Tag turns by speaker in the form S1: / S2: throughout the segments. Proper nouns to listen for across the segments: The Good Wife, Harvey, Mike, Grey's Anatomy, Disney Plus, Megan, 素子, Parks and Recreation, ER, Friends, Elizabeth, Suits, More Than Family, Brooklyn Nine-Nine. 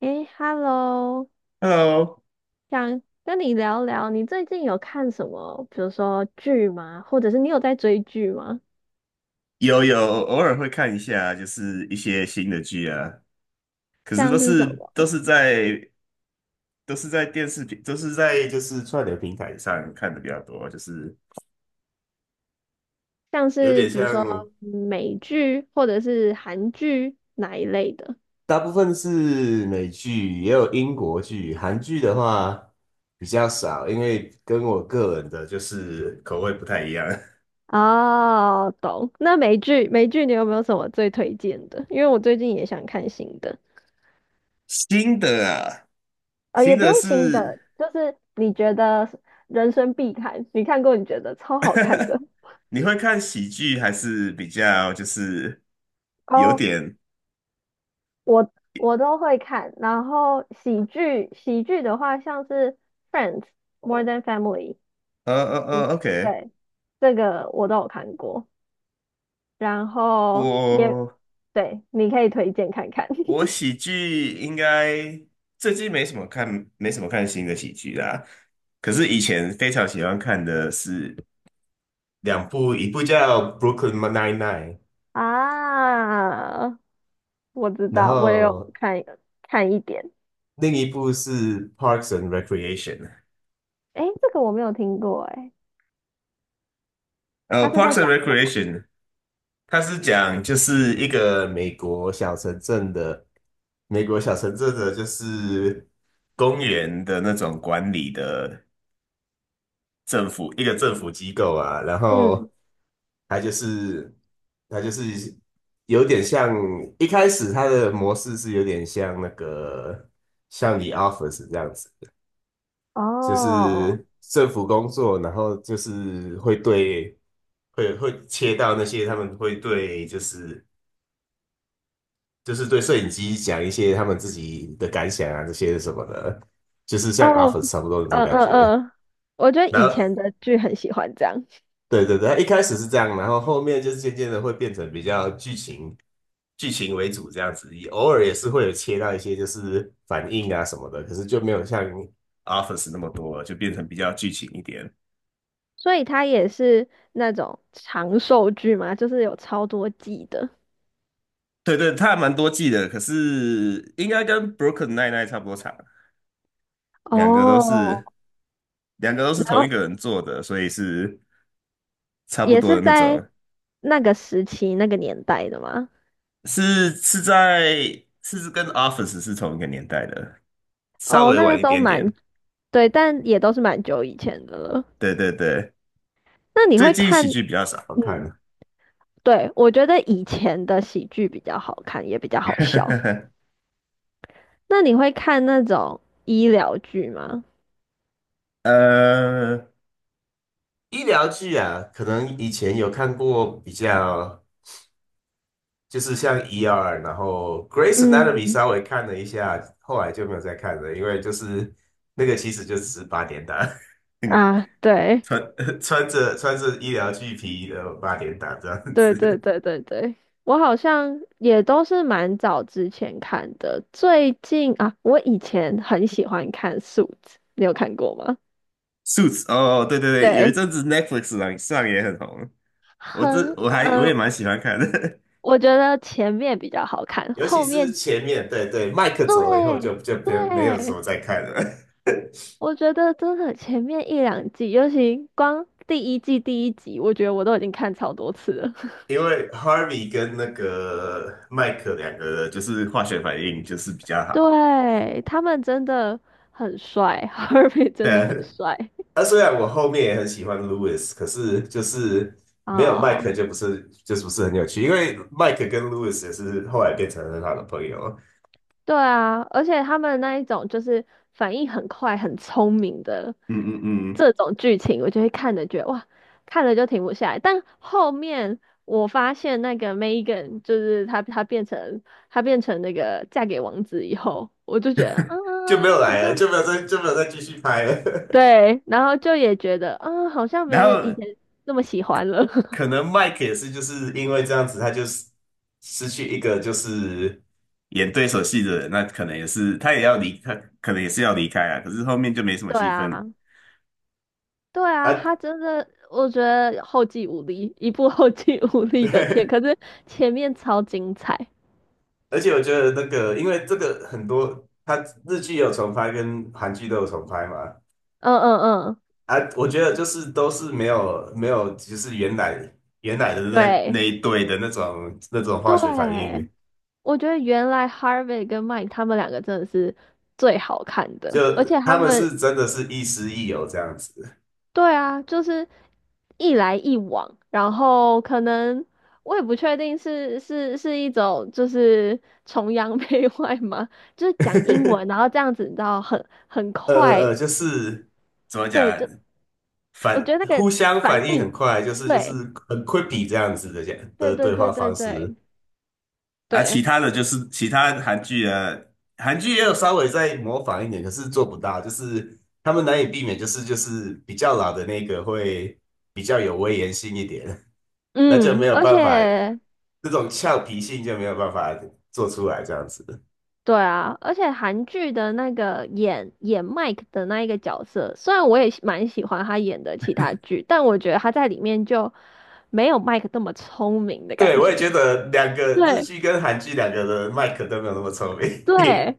S1: 诶，Hello，
S2: Hello。
S1: 想跟你聊聊，你最近有看什么，比如说剧吗？或者是你有在追剧吗？
S2: 有，偶尔会看一下，就是一些新的剧啊，可是
S1: 像是什么？
S2: 都是在就是串流平台上看的比较多，就是
S1: 像
S2: 有
S1: 是
S2: 点
S1: 比如说
S2: 像，
S1: 美剧或者是韩剧哪一类的？
S2: 大部分是美剧，也有英国剧，韩剧的话比较少，因为跟我个人的就是口味不太一样。
S1: 哦，懂。那美剧，美剧你有没有什么最推荐的？因为我最近也想看新的，
S2: 新的啊，
S1: 也
S2: 新
S1: 不
S2: 的
S1: 用新的，
S2: 是
S1: 就是你觉得人生必看，你看过你觉得超好看的。
S2: 你会看喜剧还是比较就是有
S1: 哦
S2: 点？
S1: 我都会看，然后喜剧的话，像是《Friends》《More Than Family》，
S2: 呃呃
S1: 就是
S2: OK。
S1: 对，这个我都有看过，然后也
S2: 我
S1: 对，你可以推荐看看
S2: 我喜剧应该最近没什么看，没什么看新的喜剧啦。可是以前非常喜欢看的是两部，一部叫《Brooklyn Nine-Nine》，
S1: 啊。我知
S2: 然
S1: 道，我也有
S2: 后
S1: 看一点，
S2: 另一部是《Parks and Recreation》。
S1: 诶，这个我没有听过，诶，他是
S2: 《Parks
S1: 在
S2: and
S1: 讲什么？
S2: Recreation》它是讲就是一个美国小城镇的，美国小城镇的就是公园的那种管理的。政府一个政府机构啊，然后
S1: 嗯，
S2: 他就是他就是有点像一开始他的模式是有点像那个像你 Office 这样子，就
S1: 哦
S2: 是政府工作，然后就是会对会会切到那些他们会对就是就是对摄影机讲一些他们自己的感想啊这些什么的，就是像
S1: 哦，
S2: Office 差不多那种
S1: 嗯
S2: 感
S1: 嗯
S2: 觉。
S1: 嗯，我觉得
S2: 然
S1: 以
S2: 后
S1: 前的剧很喜欢这样。
S2: 对对对，他一开始是这样，然后后面就是渐渐的会变成比较剧情为主这样子，也偶尔也是会有切到一些就是反应啊什么的，可是就没有像 Office 那么多了，就变成比较剧情一点。
S1: 所以它也是那种长寿剧嘛，就是有超多季的，
S2: 对对，它还蛮多季的，可是应该跟 b r o k e n i n 差不多长，两个都
S1: 哦，
S2: 是两个都是
S1: 然
S2: 同一
S1: 后
S2: 个人做的，所以是差不
S1: 也
S2: 多的
S1: 是
S2: 那
S1: 在
S2: 种，
S1: 那个时期、那个年代的嘛。
S2: 是是在是跟 Office 是同一个年代的，稍
S1: 哦，
S2: 微
S1: 那个
S2: 晚一
S1: 都
S2: 点
S1: 蛮，
S2: 点。
S1: 对，但也都是蛮久以前的了。
S2: 对对对，
S1: 那你
S2: 最
S1: 会
S2: 近喜
S1: 看，
S2: 剧比较少好看
S1: 嗯，
S2: 的。
S1: 对，我觉得以前的喜剧比较好看，也比较好笑。那你会看那种医疗剧吗？
S2: 呃，医疗剧啊，可能以前有看过比较，就是像 ER,然后 g r a c e Anatomy
S1: 嗯，
S2: 稍微看了一下，后来就没有再看了，因为就是那个其实就只是八点档。嗯，
S1: 啊，对。
S2: 穿 穿着穿着医疗剧皮的八点档这样
S1: 对对
S2: 子。
S1: 对对对，我好像也都是蛮早之前看的。最近啊，我以前很喜欢看《素子》，你有看过吗？
S2: Suits 哦，对对对，有一
S1: 对，
S2: 阵子 Netflix 上也很红，我
S1: 很
S2: 这我还我
S1: 嗯、
S2: 也
S1: 呃
S2: 蛮喜欢看的。
S1: 我觉得前面比较好看，
S2: 尤其
S1: 后
S2: 是
S1: 面
S2: 前面，对对，麦克走了以后
S1: 对
S2: 就别没有什
S1: 对，
S2: 么再看了。
S1: 我觉得真的前面一两季，尤其光第一季第一集，我觉得我都已经看超多次了。
S2: 因为 Harvey 跟那个麦克两个人就是化学反应就是比较 好。
S1: 对，他们真的很帅，哈尔滨
S2: 对
S1: 真的
S2: 啊，
S1: 很帅
S2: 那虽然我后面也很喜欢 Lewis,可是就是没有麦
S1: 啊。
S2: 克就不是不是很有趣，因为麦克跟 Lewis 也是后来变成很好的朋友，
S1: 对啊，而且他们那一种就是反应很快、很聪明的
S2: 嗯嗯嗯。
S1: 这种剧情，我就会看着觉得哇，看了就停不下来。但后面我发现那个 Megan 就是她，她变成那个嫁给王子以后，我就觉得
S2: 就没有
S1: 嗯，好
S2: 来了，
S1: 像
S2: 就没有再继续拍了。
S1: 对，然后就也觉得啊嗯，好 像没
S2: 然
S1: 有以
S2: 后
S1: 前那么喜欢了。
S2: 可 能 Mike 也是就是因为这样子，他就是失去一个就是演对手戏的人，那可能也是他也要离，开，可能也是要离开啊。可是后面就没什么
S1: 对
S2: 戏
S1: 啊。
S2: 份
S1: 对啊，他
S2: 啊。
S1: 真的，我觉得后继无力，一部后继无力的片，
S2: 对。
S1: 可 是前面超精彩。
S2: 而且我觉得那个，因为这个很多，他日剧有重拍跟韩剧都有重拍嘛，
S1: 嗯嗯嗯，
S2: 啊，我觉得就是都是没有，就是原来的那
S1: 对
S2: 一对的那种化学反应，
S1: 对，我觉得原来 Harvey 跟 Mike 他们两个真的是最好看
S2: 就
S1: 的，而且他
S2: 他们
S1: 们，
S2: 是真的是亦师亦友这样子。
S1: 对啊，就是一来一往，然后可能我也不确定是是一种就是崇洋 媚外吗？就是讲英文，然后这样子，你知道很快。
S2: 就是怎么讲
S1: 对，
S2: 啊，
S1: 就我觉得那
S2: 互
S1: 个
S2: 相
S1: 反
S2: 反应很
S1: 应，
S2: 快，就是
S1: 对，
S2: 很 quippy 这样子的讲
S1: 对
S2: 的
S1: 对
S2: 对
S1: 对
S2: 话
S1: 对
S2: 方
S1: 对
S2: 式。啊，其
S1: 对，
S2: 他的就是其他韩剧啊，韩剧也有稍微在模仿一点，可是做不到，就是他们难以避免，就是比较老的那个会比较有威严性一点。那就
S1: 嗯，
S2: 没有
S1: 而
S2: 办法，
S1: 且
S2: 这种俏皮性就没有办法做出来这样子。
S1: 对啊，而且韩剧的那个演 Mike 的那一个角色，虽然我也蛮喜欢他演的其他剧，但我觉得他在里面就没有 Mike 那么聪明的
S2: 对，
S1: 感
S2: 我也
S1: 觉。
S2: 觉得两个日
S1: 对
S2: 剧跟韩剧两个的麦克都没有那么聪明。
S1: 对，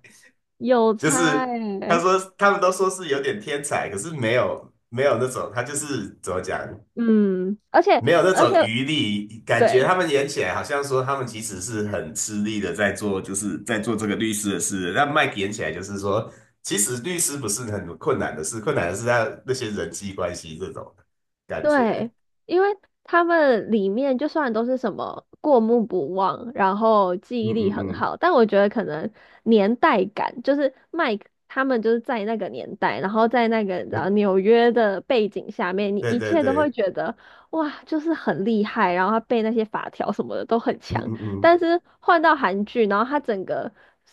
S1: 有
S2: 就
S1: 差
S2: 是他
S1: 欸，
S2: 说他们都说是有点天才，可是没有那种，他就是怎么讲，
S1: 嗯，而且
S2: 没有那
S1: 而且
S2: 种余力，感觉
S1: 对。
S2: 他们演起来好像说他们其实是很吃力的在做，就是在做这个律师的事。那 Mike 演起来就是说，其实律师不是很困难的事，困难的是他那些人际关系这种感觉。
S1: 对，因为他们里面就算都是什么过目不忘，然后记
S2: 嗯
S1: 忆力
S2: 嗯
S1: 很
S2: 嗯，
S1: 好，但我觉得可能年代感，就是 Mike 他们就是在那个年代，然后在那个然后
S2: 对
S1: 纽约的背景下面，你
S2: 对
S1: 一
S2: 对
S1: 切都会
S2: 对，
S1: 觉得哇，就是很厉害，然后他背那些法条什么的都很
S2: 嗯
S1: 强。
S2: 嗯嗯，
S1: 但是换到韩剧，然后他整个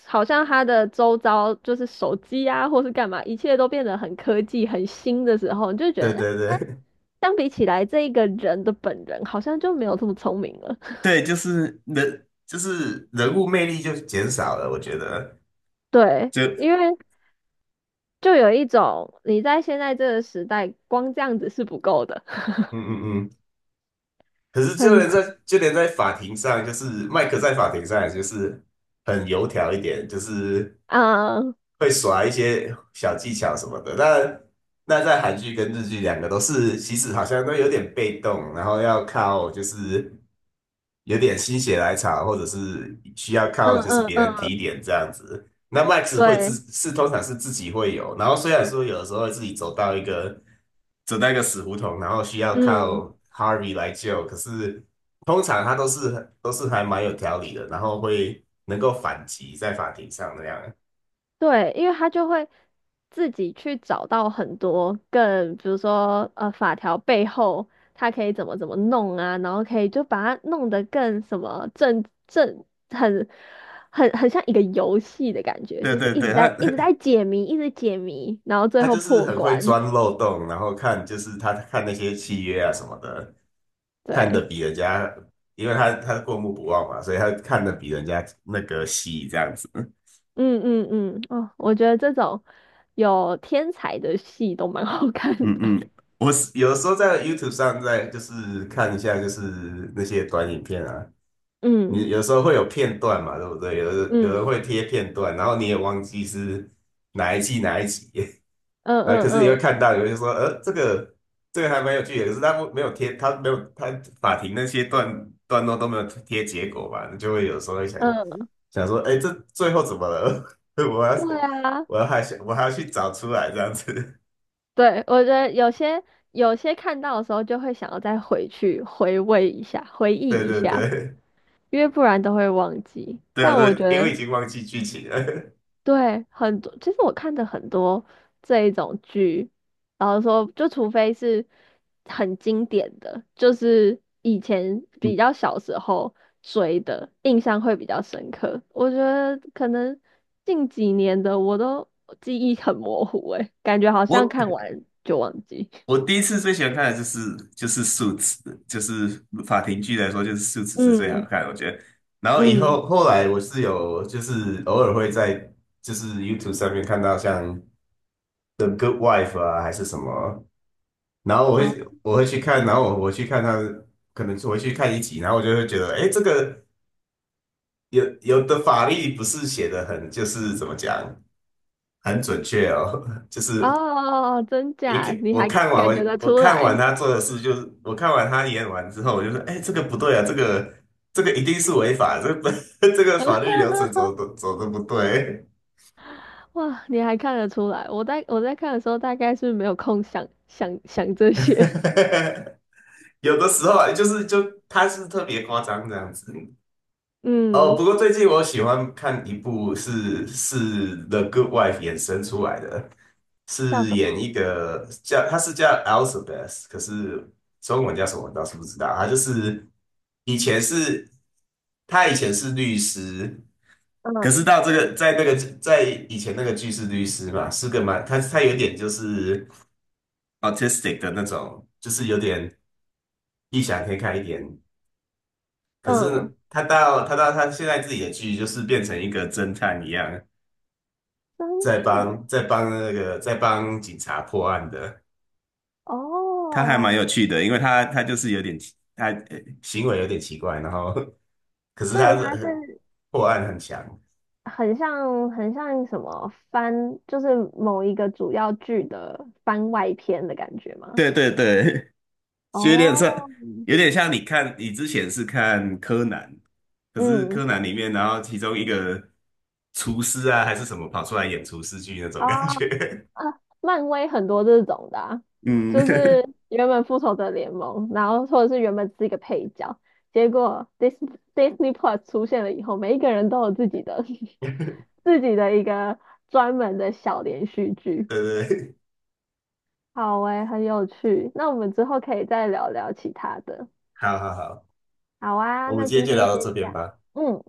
S1: 好像他的周遭就是手机啊，或是干嘛，一切都变得很科技、很新的时候，你就觉
S2: 对
S1: 得。
S2: 对对。
S1: 相比起来，这一个人的本人好像就没有这么聪明了。
S2: 对，就是人，就是人物魅力就减少了，我觉得。
S1: 对，
S2: 就
S1: 因为就有一种你在现在这个时代，光这样子是不够的，
S2: 嗯嗯嗯，可是就
S1: 很，
S2: 连在就连在法庭上，就是麦克在法庭上也就是很油条一点，就是
S1: 啊，嗯
S2: 会耍一些小技巧什么的。那在韩剧跟日剧两个都是，其实好像都有点被动，然后要靠就是有点心血来潮，或者是需要靠就是
S1: 嗯
S2: 别人提
S1: 嗯，
S2: 点这样子。那麦克 x 会自
S1: 对，
S2: 是通常是自己会有，然后虽然说有的时候会自己走到一个。走到一个死胡同，然后需要
S1: 嗯。
S2: 靠 Harvey 来救。可是通常他都是还蛮有条理的，然后会能够反击在法庭上那样。
S1: 对，因为他就会自己去找到很多更，比如说法条背后他可以怎么弄啊，然后可以就把它弄得更什么很很像一个游戏的感觉，
S2: 对
S1: 就是
S2: 对
S1: 一
S2: 对，
S1: 直在
S2: 他
S1: 一直在解谜，一直解谜，然后 最
S2: 他
S1: 后
S2: 就是
S1: 破
S2: 很会
S1: 关。
S2: 钻漏洞，然后看就是他看那些契约啊什么的，看的
S1: 对，
S2: 比人家，因为他过目不忘嘛，所以他看的比人家那个细这样子。
S1: 嗯嗯嗯，哦，我觉得这种有天才的戏都蛮好看
S2: 嗯
S1: 的。
S2: 嗯，我是有时候在 YouTube 上在就是看一下就是那些短影片啊，你
S1: 嗯
S2: 有时候会有片段嘛，对不对？有的有人
S1: 嗯
S2: 会贴片段，然后你也忘记是哪一季哪一集。
S1: 嗯
S2: 那可
S1: 嗯
S2: 是你会
S1: 嗯
S2: 看到，有人说，这个还蛮有趣的，可是他不没有贴，他没有他法庭那些段落都没有贴结果吧，你就会有时候会想
S1: 嗯，
S2: 想说，哎，这最后怎么了？我要
S1: 对
S2: 是
S1: 啊。
S2: 我要还想我还要去找出来这样子。
S1: 对，我觉得有些看到的时候就会想要再回去回味一下、回 忆
S2: 对
S1: 一
S2: 对
S1: 下，
S2: 对。
S1: 因为不然都会忘记。
S2: 对啊，
S1: 但我觉
S2: 对，因
S1: 得
S2: 为已经忘记剧情了。
S1: 对很多，其实我看的很多这一种剧，然后说就除非是很经典的，就是以前比较小时候追的，印象会比较深刻。我觉得可能近几年的我都记忆很模糊，诶，感觉好 像
S2: 我
S1: 看完就忘记。
S2: 我第一次最喜欢看的就是《Suits》,就是法庭剧来说，就是《Suits》是最好
S1: 嗯。
S2: 看的，我觉得。然后
S1: 嗯，
S2: 后来我是有就是偶尔会在就是 YouTube 上面看到像《The Good Wife》啊还是什么，然后
S1: 哦
S2: 我会去看，然后我去看他，可能我会去看一集，然后我就会觉得，哎，这个有的法律不是写的很就是怎么讲很准确哦。就
S1: 哦
S2: 是
S1: 哦哦，真
S2: 一
S1: 假？
S2: 看
S1: 你
S2: 我
S1: 还
S2: 看完
S1: 感觉
S2: 我
S1: 得出
S2: 看完
S1: 来？
S2: 他做的事，就是我看完他演完之后，我就说，哎，这个不对啊，这个一定是违法，这个 这个法律流程 走的不对。
S1: 哇，你还看得出来？我在我在看的时候，大概是没有空想这些。
S2: 有的时候啊，就是他是特别夸张这样子。哦，
S1: 嗯，
S2: 不过最近我喜欢看一部是《The Good Wife》衍生出来的，
S1: 叫
S2: 是
S1: 什
S2: 演
S1: 么？
S2: 一个他是叫 Elizabeth,可是中文叫什么我倒是不知道。他就是以前是。他以前是律师，可是
S1: 嗯
S2: 到这个在那个在以前那个剧是律师嘛，是个蛮他有点就是 autistic 的那种，就是有点异想天开一点。可
S1: 嗯，
S2: 是他现在自己的剧就是变成一个侦探一样，
S1: 侦探
S2: 在帮警察破案的，他还蛮
S1: 哦，
S2: 有趣的，因为他就是有点奇行为有点奇怪，然后 可是
S1: 所以
S2: 他
S1: 它
S2: 是
S1: 是
S2: 破案很强。
S1: 很像很像什么番，就是某一个主要剧的番外篇的感觉吗？
S2: 对对对，就有点像，
S1: 哦，
S2: 有点像你看，你之前是看柯南，可是
S1: 嗯，
S2: 柯南里面，然后其中一个厨师啊，还是什么跑出来演厨师剧那种
S1: 哦
S2: 感觉。
S1: 啊，漫威很多这种的啊
S2: 嗯。
S1: 就是 原本复仇者联盟，然后或者是原本是一个配角，结果 Disney Plus 出现了以后，每一个人都有自己的
S2: 对
S1: 自己的一个专门的小连续剧。
S2: 对对，
S1: 好诶，很有趣。那我们之后可以再聊聊其他的。
S2: 好好好，
S1: 好啊，
S2: 我们
S1: 那
S2: 今天
S1: 今
S2: 就聊
S1: 天
S2: 到这
S1: 先这
S2: 边
S1: 样。
S2: 吧。
S1: 嗯。